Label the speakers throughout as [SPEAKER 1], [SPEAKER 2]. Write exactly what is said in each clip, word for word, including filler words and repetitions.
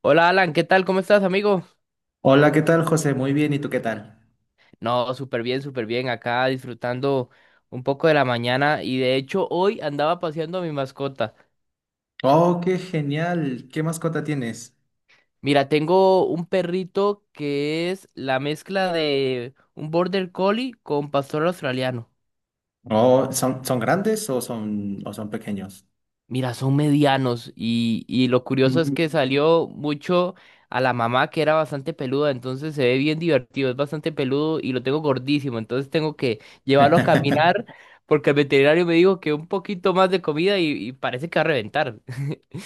[SPEAKER 1] Hola Alan, ¿qué tal? ¿Cómo estás, amigo?
[SPEAKER 2] Hola, ¿qué tal, José? Muy bien, ¿y tú qué tal?
[SPEAKER 1] No, súper bien, súper bien. Acá disfrutando un poco de la mañana y de hecho hoy andaba paseando a mi mascota.
[SPEAKER 2] Oh, qué genial. ¿Qué mascota tienes?
[SPEAKER 1] Mira, tengo un perrito que es la mezcla de un border collie con pastor australiano.
[SPEAKER 2] Oh, ¿son, son grandes o son, o son pequeños?
[SPEAKER 1] Mira, son medianos y, y lo curioso es
[SPEAKER 2] Mm.
[SPEAKER 1] que salió mucho a la mamá que era bastante peluda, entonces se ve bien divertido, es bastante peludo y lo tengo gordísimo, entonces tengo que llevarlo a caminar porque el veterinario me dijo que un poquito más de comida y, y parece que va a reventar.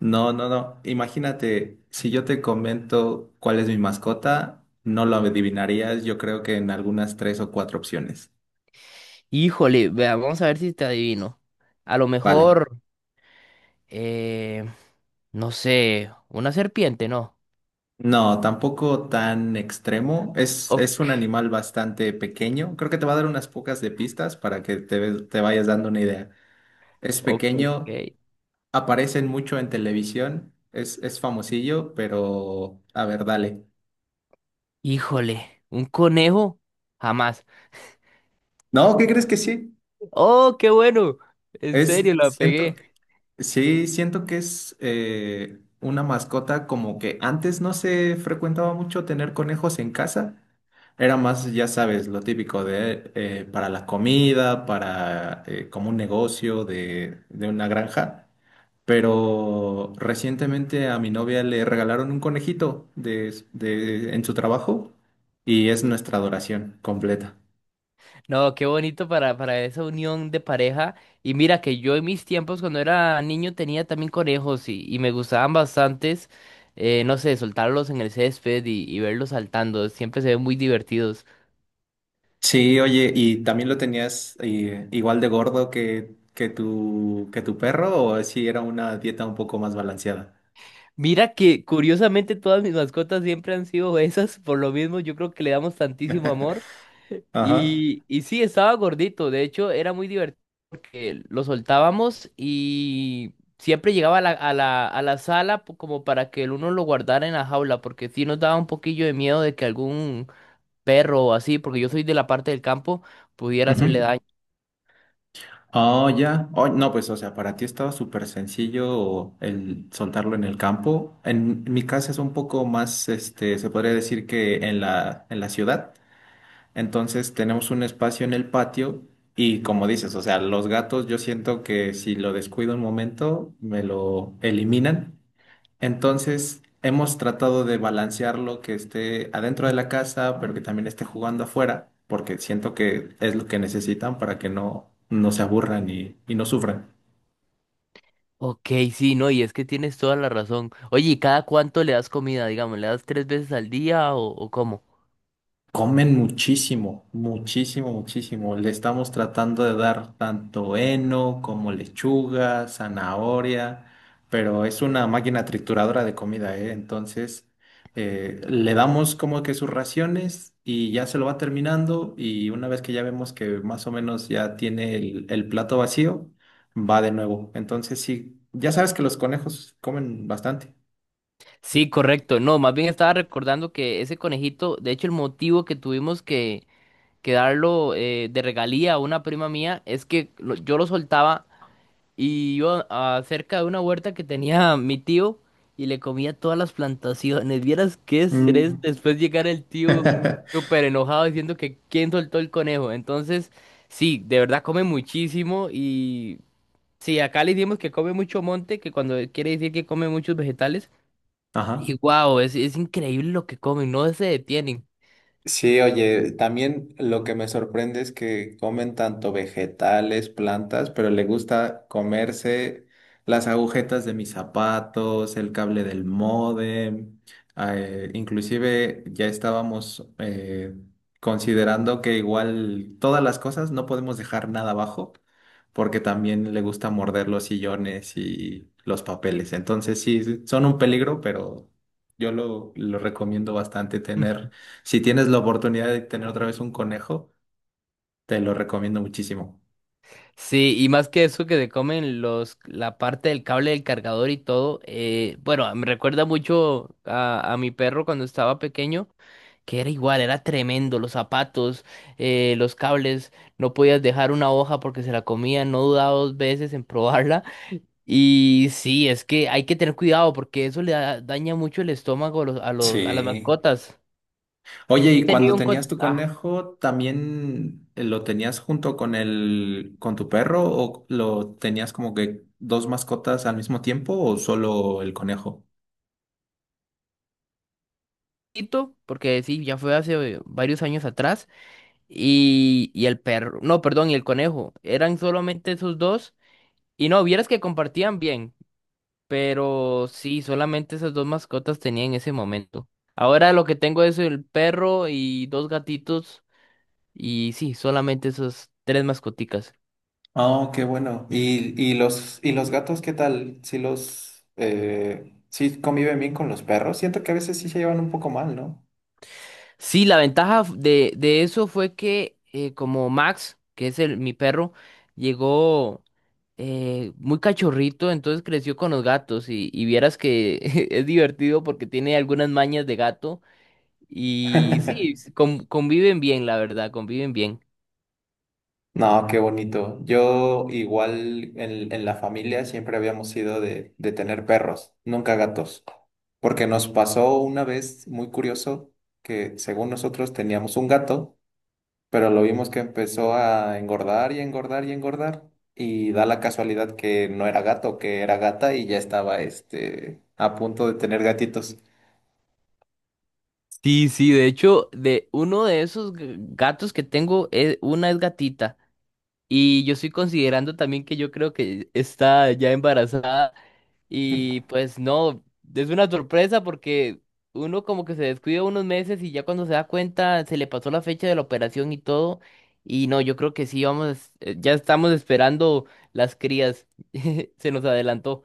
[SPEAKER 2] No, no, no. Imagínate, si yo te comento cuál es mi mascota, no lo adivinarías. Yo creo que en algunas tres o cuatro opciones.
[SPEAKER 1] Híjole, vea, vamos a ver si te adivino. A lo
[SPEAKER 2] Vale.
[SPEAKER 1] mejor, eh, no sé, una serpiente, ¿no?
[SPEAKER 2] No, tampoco tan extremo. Es, es un
[SPEAKER 1] Ok,
[SPEAKER 2] animal bastante pequeño. Creo que te va a dar unas pocas de pistas para que te, te vayas dando una idea. Es
[SPEAKER 1] ok.
[SPEAKER 2] pequeño. Aparecen mucho en televisión, es, es famosillo, pero a ver, dale.
[SPEAKER 1] Híjole, un conejo, jamás.
[SPEAKER 2] No, ¿qué crees que sí?
[SPEAKER 1] Oh, qué bueno. En
[SPEAKER 2] Es,
[SPEAKER 1] serio, la
[SPEAKER 2] siento,
[SPEAKER 1] pegué.
[SPEAKER 2] sí, siento que es eh, una mascota como que antes no se frecuentaba mucho tener conejos en casa. Era más, ya sabes, lo típico de eh, para la comida, para eh, como un negocio de, de una granja. Pero recientemente a mi novia le regalaron un conejito de, de- en su trabajo y es nuestra adoración completa.
[SPEAKER 1] No, qué bonito para, para esa unión de pareja. Y mira que yo en mis tiempos cuando era niño tenía también conejos y, y me gustaban bastantes. Eh, no sé, soltarlos en el césped y, y verlos saltando. Siempre se ven muy divertidos.
[SPEAKER 2] Sí, oye, ¿y también lo tenías eh, igual de gordo que, que tu, que tu perro o si era una dieta un poco más balanceada?
[SPEAKER 1] Mira que curiosamente todas mis mascotas siempre han sido esas. Por lo mismo, yo creo que le damos tantísimo amor.
[SPEAKER 2] Ajá.
[SPEAKER 1] Y, y sí, estaba gordito. De hecho, era muy divertido porque lo soltábamos y siempre llegaba a la, a la, a la sala po- como para que el uno lo guardara en la jaula, porque sí nos daba un poquillo de miedo de que algún perro o así, porque yo soy de la parte del campo, pudiera hacerle daño.
[SPEAKER 2] Ujú. Oh, ya. Oh, no, pues, o sea, para ti estaba súper sencillo el soltarlo en el campo. En mi casa es un poco más, este, se podría decir que en la, en la ciudad. Entonces tenemos un espacio en el patio y como dices, o sea, los gatos yo siento que si lo descuido un momento me lo eliminan. Entonces hemos tratado de balancearlo que esté adentro de la casa, pero que también esté jugando afuera, porque siento que es lo que necesitan para que no, no se aburran y, y no sufran.
[SPEAKER 1] Ok, sí, no, y es que tienes toda la razón. Oye, ¿y cada cuánto le das comida, digamos? ¿Le das tres veces al día o, o cómo?
[SPEAKER 2] Comen muchísimo, muchísimo, muchísimo. Le estamos tratando de dar tanto heno como lechuga, zanahoria, pero es una máquina trituradora de comida, ¿eh? Entonces, eh, le damos como que sus raciones y ya se lo va terminando y una vez que ya vemos que más o menos ya tiene el, el plato vacío, va de nuevo. Entonces, sí, ya sabes que los conejos comen bastante.
[SPEAKER 1] Sí, correcto. No, más bien estaba recordando que ese conejito, de hecho, el motivo que tuvimos que que darlo, eh, de regalía a una prima mía es que lo- yo lo soltaba y iba a- cerca de una huerta que tenía mi tío y le comía todas las plantaciones. Vieras qué estrés
[SPEAKER 2] Mm.
[SPEAKER 1] después llegar el tío súper enojado diciendo que quién soltó el conejo. Entonces, sí, de verdad come muchísimo y sí, acá le decimos que come mucho monte, que cuando quiere decir que come muchos vegetales. Y
[SPEAKER 2] Ajá.
[SPEAKER 1] wow, es, es increíble lo que comen, no se detienen.
[SPEAKER 2] Sí, oye, también lo que me sorprende es que comen tanto vegetales, plantas, pero le gusta comerse las agujetas de mis zapatos, el cable del módem. Eh, inclusive ya estábamos eh, considerando que igual todas las cosas no podemos dejar nada abajo, porque también le gusta morder los sillones y los papeles. Entonces sí, son un peligro, pero yo lo, lo recomiendo bastante tener. Si tienes la oportunidad de tener otra vez un conejo, te lo recomiendo muchísimo.
[SPEAKER 1] Sí, y más que eso que se comen los, la parte del cable del cargador y todo, eh, bueno, me recuerda mucho a, a mi perro cuando estaba pequeño, que era igual, era tremendo, los zapatos, eh, los cables, no podías dejar una hoja porque se la comía, no dudaba dos veces en probarla. Y sí, es que hay que tener cuidado porque eso le da- daña mucho el estómago a los, a los, a las
[SPEAKER 2] Sí.
[SPEAKER 1] mascotas.
[SPEAKER 2] Oye, y
[SPEAKER 1] Tenía
[SPEAKER 2] cuando
[SPEAKER 1] un co-
[SPEAKER 2] tenías tu conejo, ¿también lo tenías junto con el, con tu perro o lo tenías como que dos mascotas al mismo tiempo o solo el conejo?
[SPEAKER 1] ajito, porque sí, ya fue hace varios años atrás. y, y el perro, no, perdón, y el conejo. Eran solamente esos dos. Y no, vieras que compartían bien, pero sí, solamente esas dos mascotas tenía en ese momento. Ahora lo que tengo es el perro y dos gatitos. Y sí, solamente esas tres mascoticas.
[SPEAKER 2] Oh, qué bueno. ¿Y, y los, y los gatos qué tal? Si los, eh, sí conviven bien con los perros. Siento que a veces sí se llevan un poco mal, ¿no?
[SPEAKER 1] Sí, la ventaja f- de, de eso fue que, eh, como Max, que es el, mi perro, llegó. Eh, muy cachorrito, entonces creció con los gatos y, y vieras que es divertido porque tiene algunas mañas de gato y sí, s- con- conviven bien, la verdad, conviven bien.
[SPEAKER 2] No, qué bonito. Yo igual en, en la familia siempre habíamos sido de, de tener perros, nunca gatos, porque nos pasó una vez muy curioso que según nosotros teníamos un gato, pero lo vimos que empezó a engordar y engordar y engordar y da la casualidad que no era gato, que era gata y ya estaba este a punto de tener gatitos.
[SPEAKER 1] Sí, sí, de hecho, de uno de esos g- gatos que tengo, eh, una es gatita y yo estoy considerando también que yo creo que está ya embarazada. Y pues no, es una sorpresa porque uno como que se descuida unos meses y ya cuando se da cuenta se le pasó la fecha de la operación y todo. Y no, yo creo que sí, vamos, eh, ya estamos esperando las crías. Se nos adelantó.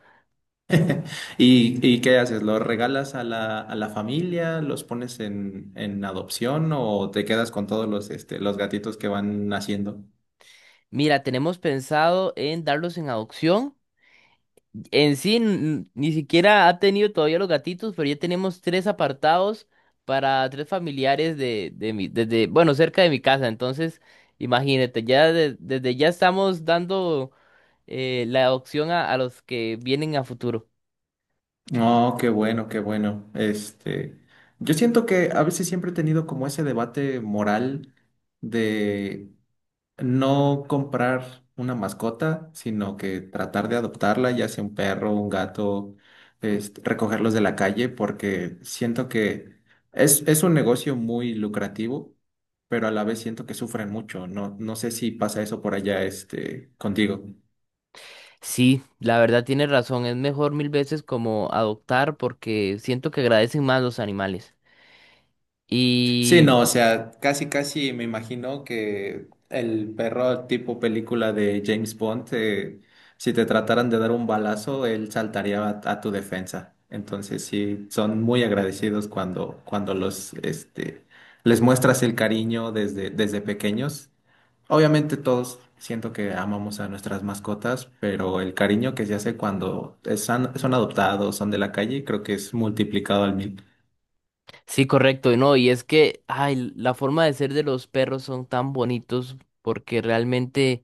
[SPEAKER 2] ¿Y, y qué haces? ¿Los regalas a la, a la familia? ¿Los pones en, en adopción o te quedas con todos los, este, los gatitos que van naciendo?
[SPEAKER 1] Mira, tenemos pensado en darlos en adopción. En sí, n- ni siquiera ha tenido todavía los gatitos, pero ya tenemos tres apartados para tres familiares de, de mi, desde, bueno, cerca de mi casa. Entonces, imagínate, ya de- desde ya estamos dando, eh, la adopción a, a los que vienen a futuro.
[SPEAKER 2] Oh, qué bueno, qué bueno. Este, yo siento que a veces siempre he tenido como ese debate moral de no comprar una mascota, sino que tratar de adoptarla, ya sea un perro, un gato, este, recogerlos de la calle, porque siento que es, es un negocio muy lucrativo, pero a la vez siento que sufren mucho. No, no sé si pasa eso por allá, este, contigo.
[SPEAKER 1] Sí, la verdad tienes razón, es mejor mil veces como adoptar porque siento que agradecen más los animales.
[SPEAKER 2] Sí,
[SPEAKER 1] Y
[SPEAKER 2] no, o sea, casi, casi me imagino que el perro tipo película de James Bond, eh, si te trataran de dar un balazo, él saltaría a, a tu defensa. Entonces, sí, son muy agradecidos cuando, cuando los, este, les muestras el cariño desde, desde pequeños. Obviamente todos siento que amamos a nuestras mascotas, pero el cariño que se hace cuando es- son, son adoptados, son de la calle, creo que es multiplicado al mil.
[SPEAKER 1] sí, correcto, no, y es que, ay, la forma de ser de los perros son tan bonitos porque realmente...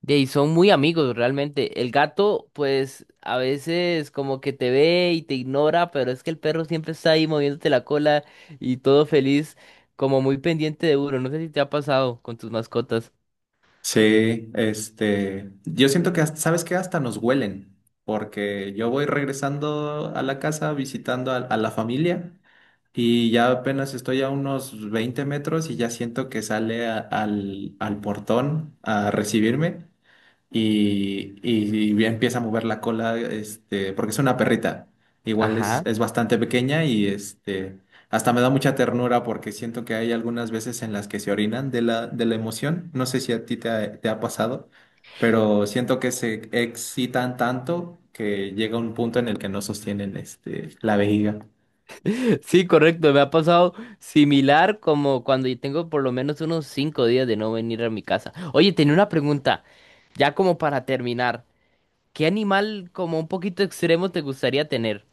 [SPEAKER 1] De ahí son muy amigos realmente. El gato, pues a veces como que te ve y te ignora, pero es que el perro siempre está ahí moviéndote la cola y todo feliz, como muy pendiente de uno. No sé si te ha pasado con tus mascotas.
[SPEAKER 2] Sí, este, yo siento que, hasta- ¿sabes qué? Hasta nos huelen, porque yo voy regresando a la casa visitando a, a la familia y ya apenas estoy a unos veinte metros y ya siento que sale a- al, al portón a recibirme y, y bien empieza a mover la cola, este, porque es una perrita. Igual es,
[SPEAKER 1] Ajá.
[SPEAKER 2] es bastante pequeña y este, hasta me da mucha ternura porque siento que hay algunas veces en las que se orinan de la, de la emoción. No sé si a ti te ha, te ha pasado, pero siento que se excitan tanto que llega un punto en el que no sostienen este, la vejiga.
[SPEAKER 1] Sí, correcto. Me ha pasado similar como cuando yo tengo por lo menos unos cinco días de no venir a mi casa. Oye, tenía una pregunta, ya como para terminar. ¿Qué animal como un poquito extremo te gustaría tener?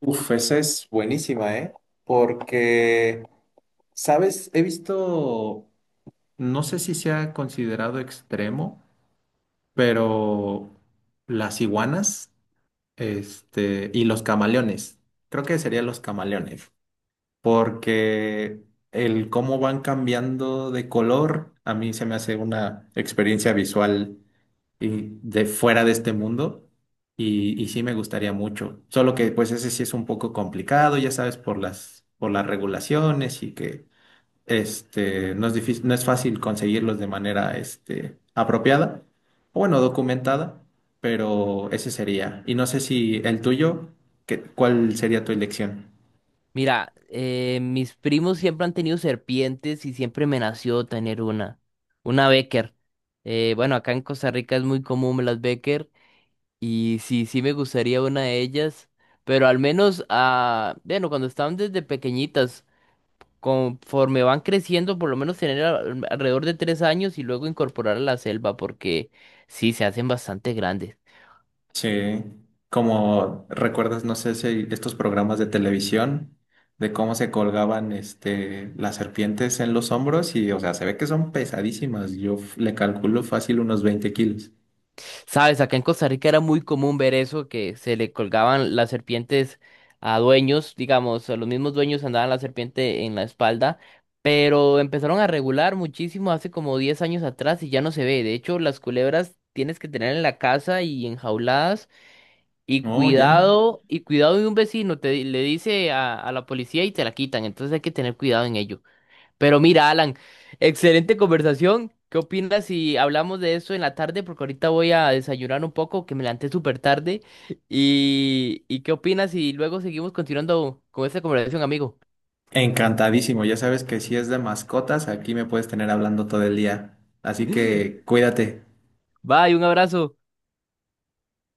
[SPEAKER 2] Uf, esa es buenísima, ¿eh? Porque, ¿sabes? He visto, no sé si sea considerado extremo, pero las iguanas, este, y los camaleones. Creo que serían los camaleones, porque el cómo van cambiando de color a mí se me hace una experiencia visual y de fuera de este mundo y, y sí me gustaría mucho. Solo que pues ese sí es un poco complicado, ya sabes, por las por las regulaciones y que este, no es difícil, no es fácil conseguirlos de manera, este, apropiada, o bueno, documentada, pero ese sería. Y no sé si el tuyo, que- ¿cuál sería tu elección?
[SPEAKER 1] Mira, eh, mis primos siempre han tenido serpientes y siempre me nació tener una, una Becker. Eh, bueno, acá en Costa Rica es muy común las Becker y sí, sí me gustaría una de ellas, pero al menos, ah, bueno, cuando estaban desde pequeñitas, conforme van creciendo, por lo menos tener al- alrededor de tres años y luego incorporar a la selva porque sí, se hacen bastante grandes.
[SPEAKER 2] Sí, como recuerdas, no sé si estos programas de televisión, de cómo se colgaban, este, las serpientes en los hombros y, o sea, se ve que son pesadísimas. Yo f- le calculo fácil unos veinte kilos.
[SPEAKER 1] Sabes, acá en Costa Rica era muy común ver eso, que se le colgaban las serpientes a dueños, digamos, a los mismos dueños andaban la serpiente en la espalda, pero empezaron a regular muchísimo hace como diez años atrás y ya no se ve. De hecho, las culebras tienes que tener en la casa y enjauladas y
[SPEAKER 2] Oh, ya.
[SPEAKER 1] cuidado, y cuidado de un vecino, te le dice a, a la policía y te la quitan, entonces hay que tener cuidado en ello. Pero mira, Alan, excelente conversación. ¿Qué opinas si hablamos de eso en la tarde? Porque ahorita voy a desayunar un poco, que me levanté súper tarde. ¿Y, y qué opinas si luego seguimos continuando con esta conversación, amigo?
[SPEAKER 2] Encantadísimo, ya sabes que si es de mascotas, aquí me puedes tener hablando todo el día. Así que cuídate.
[SPEAKER 1] Bye, un abrazo.